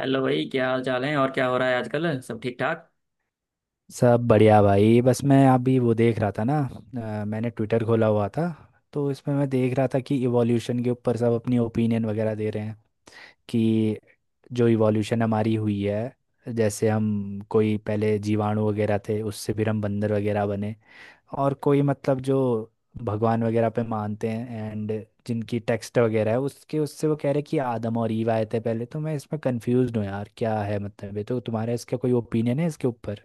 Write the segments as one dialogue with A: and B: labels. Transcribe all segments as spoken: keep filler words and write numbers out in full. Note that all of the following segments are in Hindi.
A: हेलो भाई, क्या हाल चाल है? और क्या हो रहा है आजकल? सब ठीक ठाक?
B: सब बढ़िया भाई। बस मैं अभी वो देख रहा था ना अ, मैंने ट्विटर खोला हुआ था। तो इसमें मैं देख रहा था कि इवोल्यूशन के ऊपर सब अपनी ओपिनियन वगैरह दे रहे हैं कि जो इवोल्यूशन हमारी हुई है, जैसे हम कोई पहले जीवाणु वगैरह थे उससे फिर हम बंदर वगैरह बने। और कोई मतलब जो भगवान वगैरह पे मानते हैं, एंड जिनकी टेक्स्ट वगैरह है, उसके उससे वो कह रहे हैं कि आदम और ईव आए थे पहले। तो मैं इसमें कंफ्यूज हूँ यार, क्या है मतलब? ये तो तुम्हारा, इसका कोई ओपिनियन है इसके ऊपर?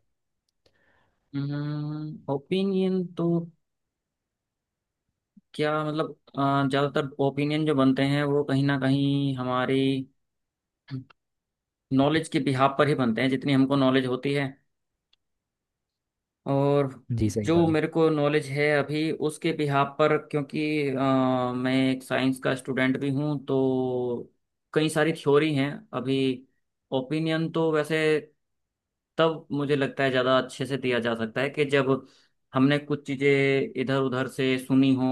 A: ओपिनियन तो क्या मतलब, अ, ज्यादातर ओपिनियन जो बनते हैं वो कहीं ना कहीं हमारी नॉलेज के बिहाव पर ही बनते हैं। जितनी हमको नॉलेज होती है और
B: जी सही।
A: जो मेरे को नॉलेज है अभी उसके बिहाव पर, क्योंकि अ, मैं एक साइंस का स्टूडेंट भी हूँ। तो कई सारी थ्योरी हैं अभी। ओपिनियन तो वैसे तब मुझे लगता है ज़्यादा अच्छे से दिया जा सकता है कि जब हमने कुछ चीज़ें इधर उधर से सुनी हो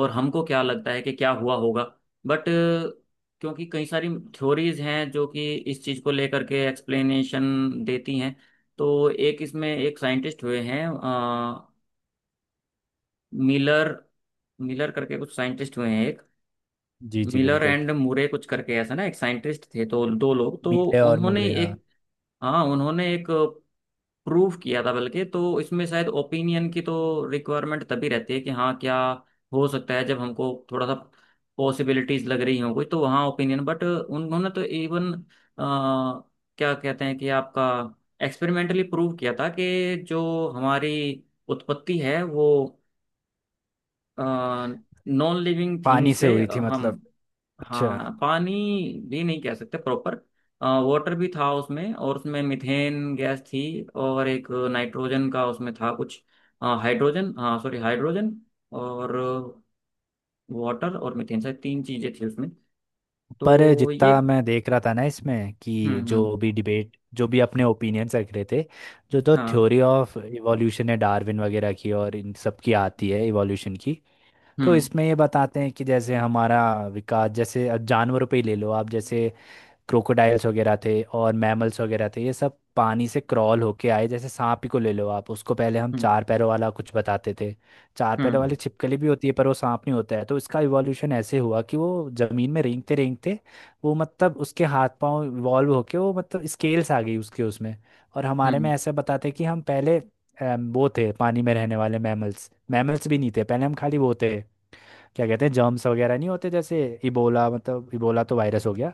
A: और हमको क्या लगता है कि क्या हुआ होगा। बट क्योंकि कई सारी थ्योरीज हैं जो कि इस चीज़ को लेकर के एक्सप्लेनेशन देती हैं। तो एक इसमें एक साइंटिस्ट हुए हैं अ, मिलर मिलर करके कुछ साइंटिस्ट हुए हैं। एक
B: जी जी
A: मिलर
B: बिल्कुल।
A: एंड मुरे कुछ करके ऐसा ना, एक साइंटिस्ट थे, तो दो लोग तो
B: मीले और
A: उन्होंने
B: मूरे, हाँ।
A: एक, हाँ उन्होंने एक प्रूफ किया था। बल्कि तो इसमें शायद ओपिनियन की तो रिक्वायरमेंट तभी रहती है कि हाँ क्या हो सकता है, जब हमको थोड़ा सा पॉसिबिलिटीज लग रही हो कोई, तो वहाँ ओपिनियन। बट उन्होंने तो इवन क्या कहते हैं कि आपका एक्सपेरिमेंटली प्रूव किया था कि जो हमारी उत्पत्ति है वो नॉन लिविंग थिंग
B: पानी से
A: से
B: हुई थी
A: हम।
B: मतलब? अच्छा।
A: हाँ, पानी भी नहीं कह सकते प्रॉपर। वाटर भी था उसमें और उसमें मिथेन गैस थी और एक नाइट्रोजन का उसमें था कुछ। हाइड्रोजन, हाँ सॉरी, हाइड्रोजन और वाटर और मिथेन, शायद तीन चीजें थी उसमें।
B: पर
A: तो ये
B: जितना मैं देख रहा था ना इसमें कि
A: हम्म। हम्म।
B: जो भी डिबेट, जो भी अपने ओपिनियंस रख रहे थे, जो तो
A: हाँ।
B: थ्योरी ऑफ इवोल्यूशन है डार्विन वगैरह की, और इन सब की आती है इवोल्यूशन की। तो
A: हम्म।
B: इसमें ये बताते हैं कि जैसे हमारा विकास, जैसे अब जानवरों पे ही ले लो आप, जैसे क्रोकोडाइल्स वगैरह थे और मैमल्स वगैरह थे, ये सब पानी से क्रॉल होके आए। जैसे सांप ही को ले लो आप, उसको पहले हम
A: हम्म।
B: चार पैरों वाला कुछ बताते थे। चार पैरों वाली
A: हम्म।
B: छिपकली भी होती है, पर वो सांप नहीं होता है। तो इसका इवोल्यूशन ऐसे हुआ कि वो जमीन में रेंगते रेंगते, वो मतलब उसके हाथ पांव इवॉल्व होके, वो मतलब स्केल्स आ गई उसके उसमें। और हमारे में
A: हम्म।
B: ऐसे बताते कि हम पहले अम, वो थे पानी में रहने वाले मैमल्स। मैमल्स भी नहीं थे पहले, हम खाली वो थे, क्या कहते हैं, जर्म्स वगैरह नहीं होते जैसे, इबोला। मतलब इबोला तो वायरस हो गया।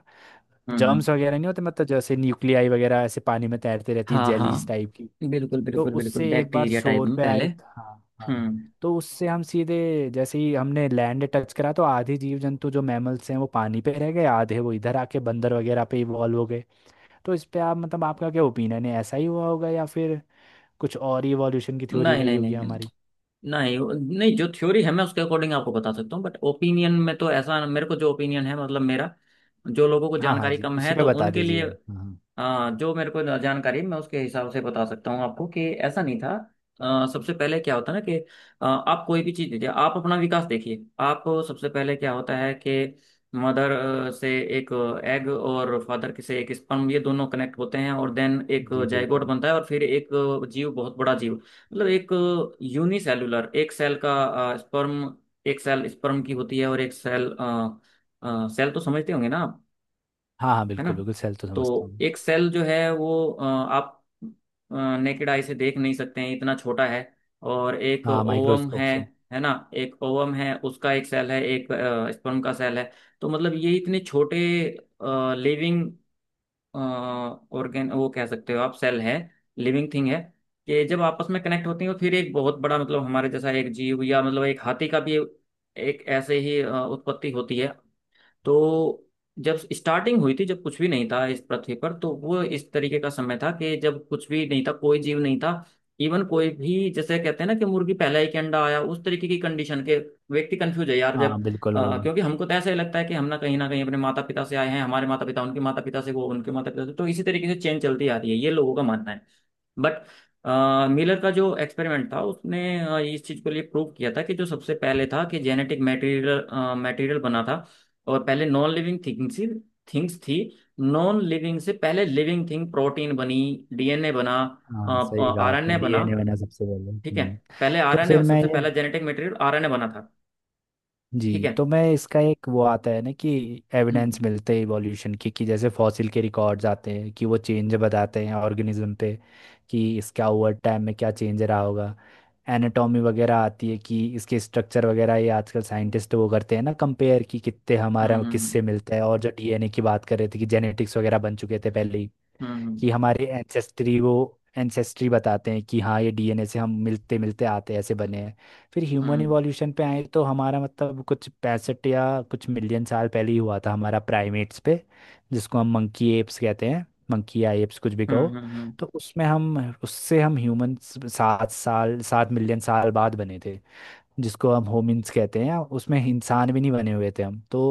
A: हम्म। हम्म।
B: जर्म्स वगैरह नहीं होते, मतलब जैसे न्यूक्लियाई वगैरह ऐसे पानी में तैरते रहती है,
A: हाँ हाँ,
B: जेलीज टाइप की।
A: बिल्कुल
B: तो
A: बिल्कुल बिल्कुल,
B: उससे एक बार
A: बैक्टीरिया टाइप
B: शोर
A: में
B: पे
A: पहले।
B: आए। हाँ हाँ।
A: हम्म।
B: तो उससे हम सीधे, जैसे ही हमने लैंड टच करा तो आधे जीव जंतु जो मैमल्स हैं वो पानी पे रह गए, आधे वो इधर आके बंदर वगैरह पे इवॉल्व हो गए। तो इस पे आप मतलब आपका क्या ओपिनियन है, ऐसा ही हुआ होगा या फिर कुछ और इवोल्यूशन की थ्योरी
A: नहीं
B: रही
A: नहीं नहीं
B: होगी
A: नहीं,
B: हमारी?
A: नहीं वो- नहीं, जो थ्योरी है मैं उसके अकॉर्डिंग आपको बता सकता हूँ, बट ओपिनियन में तो ऐसा, मेरे को जो ओपिनियन है मतलब मेरा, जो लोगों को
B: हाँ हाँ
A: जानकारी
B: जी,
A: कम है
B: उसी पे
A: तो
B: बता
A: उनके लिए।
B: दीजिए आप। हाँ हाँ,
A: हाँ, जो मेरे को जानकारी है, मैं उसके हिसाब से बता सकता हूँ आपको, कि ऐसा नहीं था। अ, सबसे पहले क्या होता है ना कि अ, आप कोई भी चीज़ देखिए, आप अपना विकास देखिए। आप सबसे पहले क्या होता है कि मदर से एक एग और फादर से एक स्पर्म, ये दोनों कनेक्ट होते हैं और देन एक
B: जी
A: जाइगोट
B: बिल्कुल।
A: बनता है और फिर एक जीव, बहुत बड़ा जीव। मतलब एक यूनिसेलुलर, एक सेल का स्पर्म, एक सेल स्पर्म की होती है और एक सेल। सेल तो समझते होंगे ना?
B: हाँ हाँ
A: है ना?
B: बिल्कुल बिल्कुल, सेल तो
A: तो
B: समझता हूँ।
A: एक सेल जो है वो अ, आप नेकेड आई से देख नहीं सकते हैं, इतना छोटा है। और एक
B: हाँ,
A: ओवम
B: माइक्रोस्कोप
A: है
B: से।
A: है ना? एक ओवम है उसका एक सेल है, एक स्पर्म का सेल है। तो मतलब ये इतने छोटे लिविंग ऑर्गेन, वो कह सकते हो आप, सेल है, लिविंग थिंग है, कि जब आपस में कनेक्ट होती हैं तो फिर एक बहुत बड़ा मतलब हमारे जैसा एक जीव या मतलब एक हाथी का भी एक ऐसे ही अ, उत्पत्ति होती है। तो जब स्टार्टिंग हुई थी, जब कुछ भी नहीं था इस पृथ्वी पर, तो वो इस तरीके का समय था कि जब कुछ भी नहीं था, कोई जीव नहीं था। इवन कोई भी, जैसे कहते हैं ना कि मुर्गी पहला ही के अंडा आया, उस तरीके की कंडीशन के व्यक्ति कंफ्यूज है यार
B: हाँ
A: जब
B: बिल्कुल
A: अ,
B: वही।
A: क्योंकि हमको तो ऐसा ही लगता है कि हम ना कहीं ना कहीं अपने माता पिता से आए हैं, हमारे माता पिता उनके माता पिता से, वो उनके माता पिता से, तो इसी तरीके से चेन चलती आ रही है, ये लोगों का मानना है। बट मिलर का जो एक्सपेरिमेंट था उसने अ, इस चीज को लिए प्रूव किया था कि जो सबसे पहले था कि जेनेटिक मटेरियल, मटेरियल बना था। और पहले नॉन लिविंग थिंग्स ही थिंग्स थी। नॉन लिविंग से पहले लिविंग थिंग प्रोटीन बनी, डीएनए बना,
B: हाँ सही कहा आपने,
A: आरएनए बना।
B: डी एन ए बना सबसे पहले।
A: ठीक है।
B: हम्म।
A: पहले
B: तो
A: आरएनए,
B: फिर मैं
A: सबसे
B: ये,
A: पहला जेनेटिक मटेरियल आरएनए बना था। ठीक
B: जी
A: है।
B: तो मैं इसका एक वो आता है ना, कि एविडेंस
A: हम्म।
B: मिलते हैं इवोल्यूशन की, कि जैसे फॉसिल के रिकॉर्ड्स आते हैं कि वो चेंज बताते हैं ऑर्गेनिज्म पे, कि इसका ओवर टाइम में क्या चेंज रहा होगा। एनाटॉमी वगैरह आती है कि इसके स्ट्रक्चर वगैरह, ये आजकल साइंटिस्ट वो करते हैं ना कंपेयर, कि कितने हमारा
A: हम्म। हम्म।
B: किससे मिलता है। और जो डी एन ए की बात कर रहे थे कि जेनेटिक्स वगैरह बन चुके थे पहले ही,
A: हम्म।
B: कि हमारे एंसेस्ट्री वो एंसेस्ट्री बताते हैं कि हाँ, ये डी एन ए से हम मिलते मिलते आते ऐसे बने हैं। फिर ह्यूमन
A: हम्म।
B: इवोल्यूशन पे आए तो हमारा मतलब कुछ पैंसठ या कुछ मिलियन साल पहले ही हुआ था, हमारा प्राइमेट्स पे, जिसको हम मंकी एप्स कहते हैं, मंकी या एप्स कुछ भी कहो।
A: हम्म। हम्म। हम्म।
B: तो उसमें हम, उससे हम ह्यूमन सात साल सात मिलियन साल बाद बने थे, जिसको हम होमिन्स कहते हैं। उसमें इंसान भी नहीं बने हुए थे हम तो।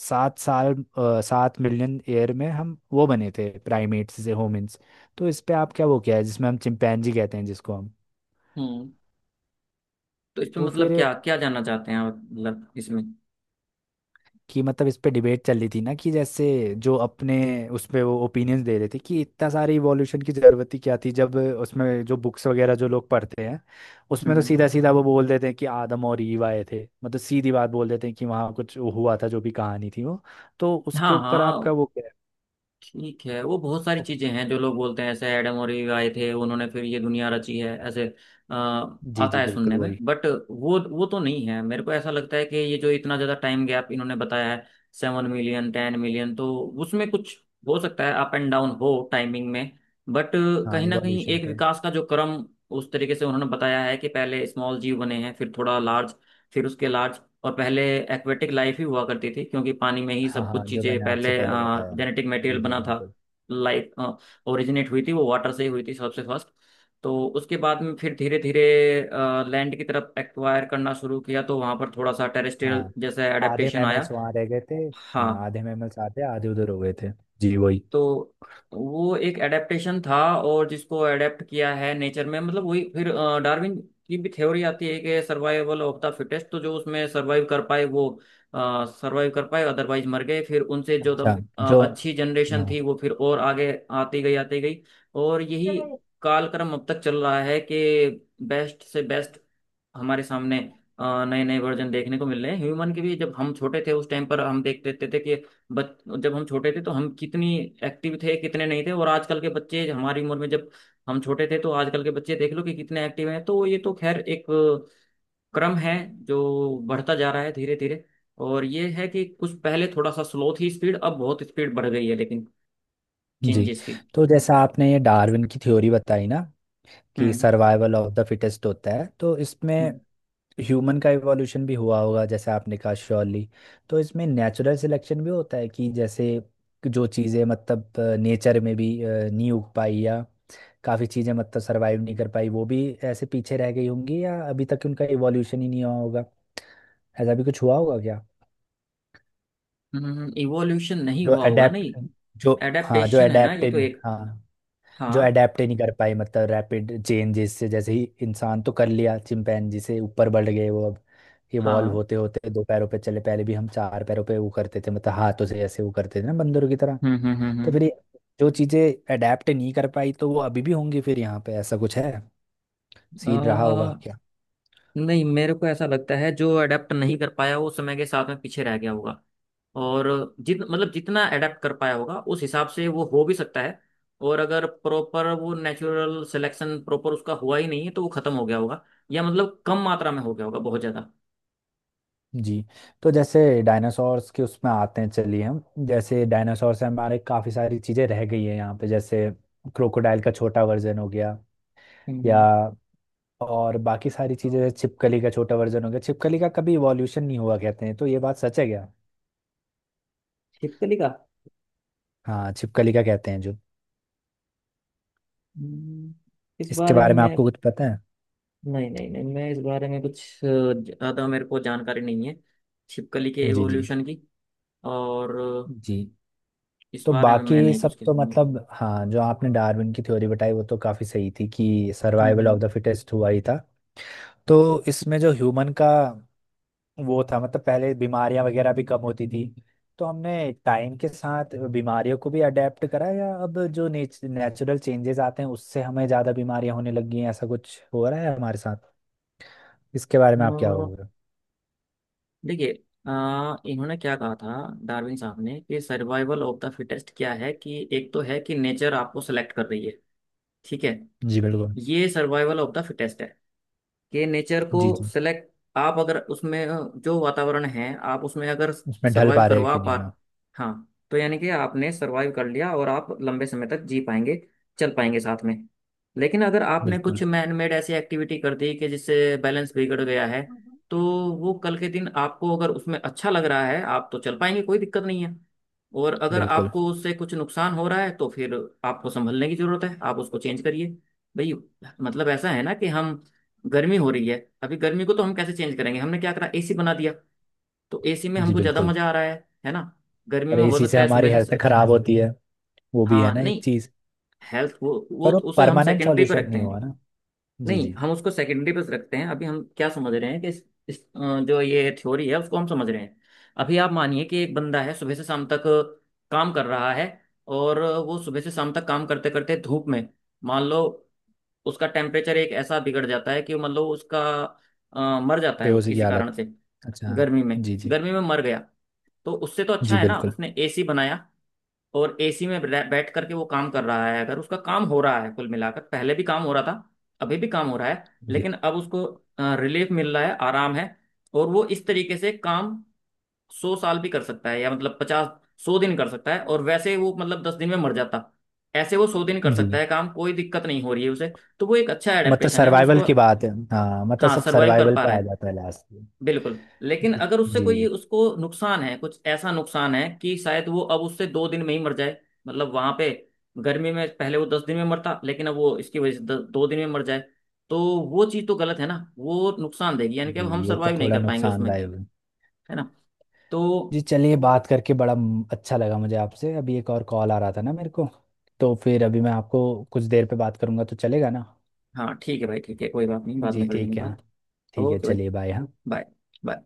B: सात साल अ, सात मिलियन ईयर में हम वो बने थे, प्राइमेट्स से होमिन्स। तो इस पे आप क्या, वो क्या है जिसमें हम चिंपैंजी कहते हैं, जिसको हम,
A: हम्म। तो इसमें
B: तो फिर
A: मतलब क्या क्या जानना चाहते हैं आप, मतलब इसमें।
B: कि मतलब इस पे डिबेट चल रही थी ना कि जैसे जो अपने उस पे वो ओपिनियंस दे रहे थे कि इतना सारे इवोल्यूशन की ज़रूरत ही क्या थी, जब उसमें जो बुक्स वगैरह जो लोग पढ़ते हैं, उसमें तो
A: हम्म।
B: सीधा सीधा वो बोल देते हैं कि आदम और ईव आए थे, मतलब सीधी बात बोल देते हैं कि वहाँ कुछ हुआ था, जो भी कहानी थी वो। तो
A: हाँ
B: उसके ऊपर आपका
A: हाँ,
B: वो क्या
A: ठीक है, वो बहुत सारी
B: है?
A: चीजें हैं जो लोग बोलते हैं ऐसे, एडम और ईव आए थे, उन्होंने फिर ये दुनिया रची है, ऐसे अ,
B: जी
A: आता
B: जी
A: है
B: बिल्कुल
A: सुनने में।
B: वही।
A: बट वो वो तो नहीं है, मेरे को ऐसा लगता है कि ये जो इतना ज्यादा टाइम गैप इन्होंने बताया है, सेवन मिलियन, टेन मिलियन, तो उसमें कुछ हो सकता है अप एंड डाउन हो टाइमिंग में। बट
B: हाँ,
A: कहीं ना कहीं
B: इवोल्यूशन
A: एक
B: पे।
A: विकास का जो क्रम उस तरीके से उन्होंने बताया है कि पहले स्मॉल जीव बने हैं, फिर थोड़ा लार्ज, फिर उसके लार्ज। और पहले एक्वेटिक लाइफ ही हुआ करती थी, क्योंकि पानी में ही
B: हाँ
A: सब
B: हाँ,
A: कुछ
B: जो
A: चीज़ें
B: मैंने आपसे
A: पहले
B: पहले बताया।
A: जेनेटिक मटेरियल
B: जी जी
A: बना था।
B: बिल्कुल।
A: लाइफ ओरिजिनेट हुई थी वो वाटर से ही हुई थी सबसे फर्स्ट। तो उसके बाद में फिर धीरे धीरे लैंड की तरफ एक्वायर करना शुरू किया, तो वहाँ पर थोड़ा सा टेरेस्ट्रियल
B: हाँ
A: जैसा
B: आधे
A: एडेप्टेशन आया।
B: मैमल्स वहाँ रह गए थे। हाँ
A: हाँ।
B: आधे मैमल्स आते आधे उधर हो गए थे। जी वही।
A: तो वो एक एडेप्टेशन था, और जिसको एडेप्ट किया है नेचर में, मतलब वही फिर डार्विन की भी थ्योरी आती है कि सर्वाइवल ऑफ द फिटेस्ट। तो जो उसमें सर्वाइव कर पाए वो सर्वाइव कर पाए, अदरवाइज मर गए। फिर उनसे जो दम,
B: अच्छा।
A: अ,
B: जो,
A: अच्छी जनरेशन
B: हाँ।
A: थी वो फिर और आगे आती गई, आती गई। और यही कालक्रम अब तक चल रहा है कि बेस्ट से बेस्ट हमारे सामने नए नए वर्जन देखने को मिल रहे हैं ह्यूमन के भी। जब हम छोटे थे उस टाइम पर हम देख देते थे कि बच, जब हम छोटे थे तो हम कितनी एक्टिव थे कितने नहीं थे, और आजकल के बच्चे हमारी उम्र में, जब हम छोटे थे तो आजकल के बच्चे देख लो कि कितने एक्टिव हैं। तो ये तो खैर एक क्रम है जो बढ़ता जा रहा है धीरे धीरे। और ये है कि कुछ पहले थोड़ा सा स्लो थी स्पीड, अब बहुत स्पीड बढ़ गई है, लेकिन
B: जी
A: चेंजेस की।
B: तो जैसा आपने ये डार्विन की थ्योरी बताई ना, कि
A: hmm.
B: Survival of the fittest होता है, तो इसमें ह्यूमन का इवोल्यूशन भी हुआ होगा जैसे आपने कहा, श्योरली। तो इसमें नेचुरल सिलेक्शन भी होता है, कि जैसे जो चीज़ें मतलब नेचर में भी अ, नहीं उग पाई, या काफ़ी चीज़ें मतलब सर्वाइव नहीं कर पाई, वो भी ऐसे पीछे रह गई होंगी या अभी तक उनका इवोल्यूशन ही नहीं हुआ होगा, ऐसा भी कुछ हुआ होगा क्या?
A: हम्म। इवोल्यूशन नहीं
B: जो
A: हुआ होगा,
B: अडेप्ट,
A: नहीं।
B: जो, हाँ जो
A: एडेप्टेशन है ना, ये तो
B: अडेप्टेड,
A: एक।
B: हाँ जो
A: हाँ।
B: अडेप्ट ही नहीं कर पाए, मतलब रैपिड चेंजेस से। जैसे ही इंसान तो कर लिया, चिंपैंजी से ऊपर बढ़ गए वो, अब इवॉल्व
A: हाँ।
B: होते होते दो पैरों पे चले। पहले भी हम चार पैरों पे वो करते थे, मतलब हाथों से ऐसे वो करते थे ना बंदरों की तरह।
A: हम्म। हम्म। हम्म।
B: तो
A: हम्म।
B: फिर ये जो चीज़ें अडेप्ट नहीं कर पाई, तो वो अभी भी होंगी फिर यहाँ पे, ऐसा कुछ है, सीन रहा होगा
A: आ,
B: क्या?
A: नहीं, मेरे को ऐसा लगता है जो अडेप्ट नहीं कर पाया वो समय के साथ में पीछे रह गया होगा। और जित मतलब जितना अडेप्ट कर पाया होगा उस हिसाब से वो हो भी सकता है। और अगर प्रॉपर वो नेचुरल सिलेक्शन प्रॉपर उसका हुआ ही नहीं है तो वो खत्म हो गया होगा या मतलब कम मात्रा में हो गया होगा बहुत ज्यादा।
B: जी। तो जैसे डायनासोर्स के उसमें आते हैं, चलिए हम जैसे डायनासोर से हमारे काफ़ी सारी चीज़ें रह गई है यहाँ पे, जैसे क्रोकोडाइल का छोटा वर्जन हो गया, या
A: हम्म।
B: और बाकी सारी चीजें, जैसे छिपकली का छोटा वर्जन हो गया। छिपकली का कभी इवोल्यूशन नहीं हुआ कहते हैं, तो ये बात सच है क्या?
A: छिपकली का।
B: हाँ छिपकली का कहते हैं जो,
A: हम्म। इस
B: इसके
A: बारे में
B: बारे में
A: मैं,
B: आपको कुछ पता
A: नहीं नहीं नहीं, मैं इस बारे में कुछ अ, ज्यादा मेरे को जानकारी नहीं है, छिपकली के
B: है? जी जी।
A: एवोल्यूशन की। और
B: जी
A: इस
B: तो
A: बारे में मैं
B: बाकी
A: नहीं कुछ
B: सब तो
A: कहूंगा।
B: मतलब हाँ, जो आपने डार्विन की थ्योरी बताई वो तो काफी सही थी, कि survival of
A: hmm.
B: The fittest हुआ ही था। तो इसमें जो ह्यूमन का वो था, मतलब पहले बीमारियां वगैरह भी कम होती थी, तो हमने टाइम के साथ बीमारियों को भी अडेप्ट करा, या अब जो नेचुरल चेंजेस आते हैं उससे हमें ज्यादा बीमारियां होने लगी हैं, ऐसा कुछ हो रहा है हमारे साथ? इसके बारे में आप क्या
A: हम्म। अ,
B: हो रहे
A: देखिए, अ, इन्होंने क्या कहा था डार्विन साहब ने कि सर्वाइवल ऑफ द फिटेस्ट क्या है, कि एक तो है कि नेचर आपको सेलेक्ट कर रही है, ठीक है।
B: हो? जी बिल्कुल।
A: ये सर्वाइवल ऑफ द फिटेस्ट है कि नेचर को
B: जी जी।
A: सिलेक्ट, आप अगर उसमें जो वातावरण है आप उसमें अगर
B: उसमें ढल
A: सरवाइव
B: पा रहे हैं
A: करवा
B: कि नहीं,
A: पा,
B: हाँ।
A: हाँ, तो यानी कि आपने सरवाइव कर लिया और आप लंबे समय तक जी पाएंगे, चल पाएंगे साथ में। लेकिन अगर आपने कुछ
B: बिल्कुल
A: मैन मेड ऐसी एक्टिविटी कर दी कि जिससे बैलेंस बिगड़ गया है, तो वो कल के दिन आपको अगर उसमें अच्छा लग रहा है आप तो चल पाएंगे, कोई दिक्कत नहीं है। और अगर
B: बिल्कुल।
A: आपको उससे कुछ नुकसान हो रहा है तो फिर आपको संभलने की जरूरत है, आप उसको चेंज करिए भाई। मतलब ऐसा है ना कि हम, गर्मी हो रही है अभी, गर्मी को तो हम कैसे चेंज करेंगे? हमने क्या करा, एसी बना दिया। तो एसी में
B: जी
A: हमको ज्यादा
B: बिल्कुल।
A: मजा आ रहा है है ना। गर्मी
B: और
A: में हो
B: इसी से
A: सकता है
B: हमारी
A: सुबह से,
B: हेल्थ खराब होती है, वो भी
A: हाँ
B: है ना एक
A: नहीं,
B: चीज।
A: हेल्थ वो, वो
B: पर वो
A: तो उसे हम
B: परमानेंट
A: सेकेंडरी पे
B: सॉल्यूशन
A: रखते
B: नहीं
A: हैं।
B: हुआ ना? जी
A: नहीं,
B: जी।
A: हम उसको सेकेंडरी पे रखते हैं। अभी हम क्या समझ रहे हैं कि इस, इस अ, जो ये थ्योरी है उसको हम समझ रहे हैं। अभी आप मानिए कि एक बंदा है, सुबह से शाम तक काम कर रहा है। और वो सुबह से शाम तक काम करते करते धूप में, मान लो उसका टेम्परेचर एक ऐसा बिगड़ जाता है कि मान लो उसका अ, मर जाता है वो
B: बेहोशी की
A: किसी कारण
B: हालत।
A: से,
B: अच्छा।
A: गर्मी में,
B: जी जी।
A: गर्मी में मर गया। तो उससे तो अच्छा
B: जी
A: है ना
B: बिल्कुल।
A: उसने एसी बनाया, और एसी में बै- बैठ करके वो काम कर रहा है। अगर उसका काम हो रहा है कुल मिलाकर, पहले भी काम हो रहा था, अभी भी काम हो रहा है,
B: जी
A: लेकिन अब उसको रिलीफ मिल रहा है, आराम है। और वो इस तरीके से काम सौ साल भी कर सकता है, या मतलब पचास सौ दिन कर सकता है, और वैसे वो मतलब दस दिन में मर जाता, ऐसे वो सौ दिन कर सकता
B: जी।
A: है काम, कोई दिक्कत नहीं हो रही है उसे। तो वो एक अच्छा
B: मतलब
A: एडेप्टेशन है
B: सर्वाइवल
A: उसको।
B: की बात है, हाँ, मतलब
A: हाँ
B: सब
A: सर्वाइव कर
B: सर्वाइवल
A: पा रहा
B: पे आ
A: है
B: जाता है लास्ट में।
A: बिल्कुल। लेकिन अगर उससे कोई
B: जी
A: उसको नुकसान है, कुछ ऐसा नुकसान है कि शायद वो अब उससे दो दिन में ही मर जाए, मतलब वहां पे गर्मी में पहले वो दस दिन में मरता लेकिन अब वो इसकी वजह से द- दो दिन में मर जाए, तो वो चीज़ तो गलत है ना, वो नुकसान देगी, यानी कि
B: जी,
A: अब हम
B: ये तो
A: सर्वाइव नहीं
B: थोड़ा
A: कर पाएंगे उसमें।
B: नुकसानदायक है।
A: है ना? तो
B: जी चलिए, बात करके बड़ा म- अच्छा लगा मुझे आपसे। अभी एक और कॉल आ रहा था ना मेरे को, तो फिर अभी मैं आपको कुछ देर पे बात करूंगा, तो चलेगा ना?
A: हाँ ठीक है भाई, ठीक है कोई बात नहीं, बाद
B: जी
A: में कर लेंगे
B: ठीक है
A: बात।
B: हाँ। ठीक है
A: ओके भाई।
B: चलिए, बाय। हाँ।
A: बाय। बाय।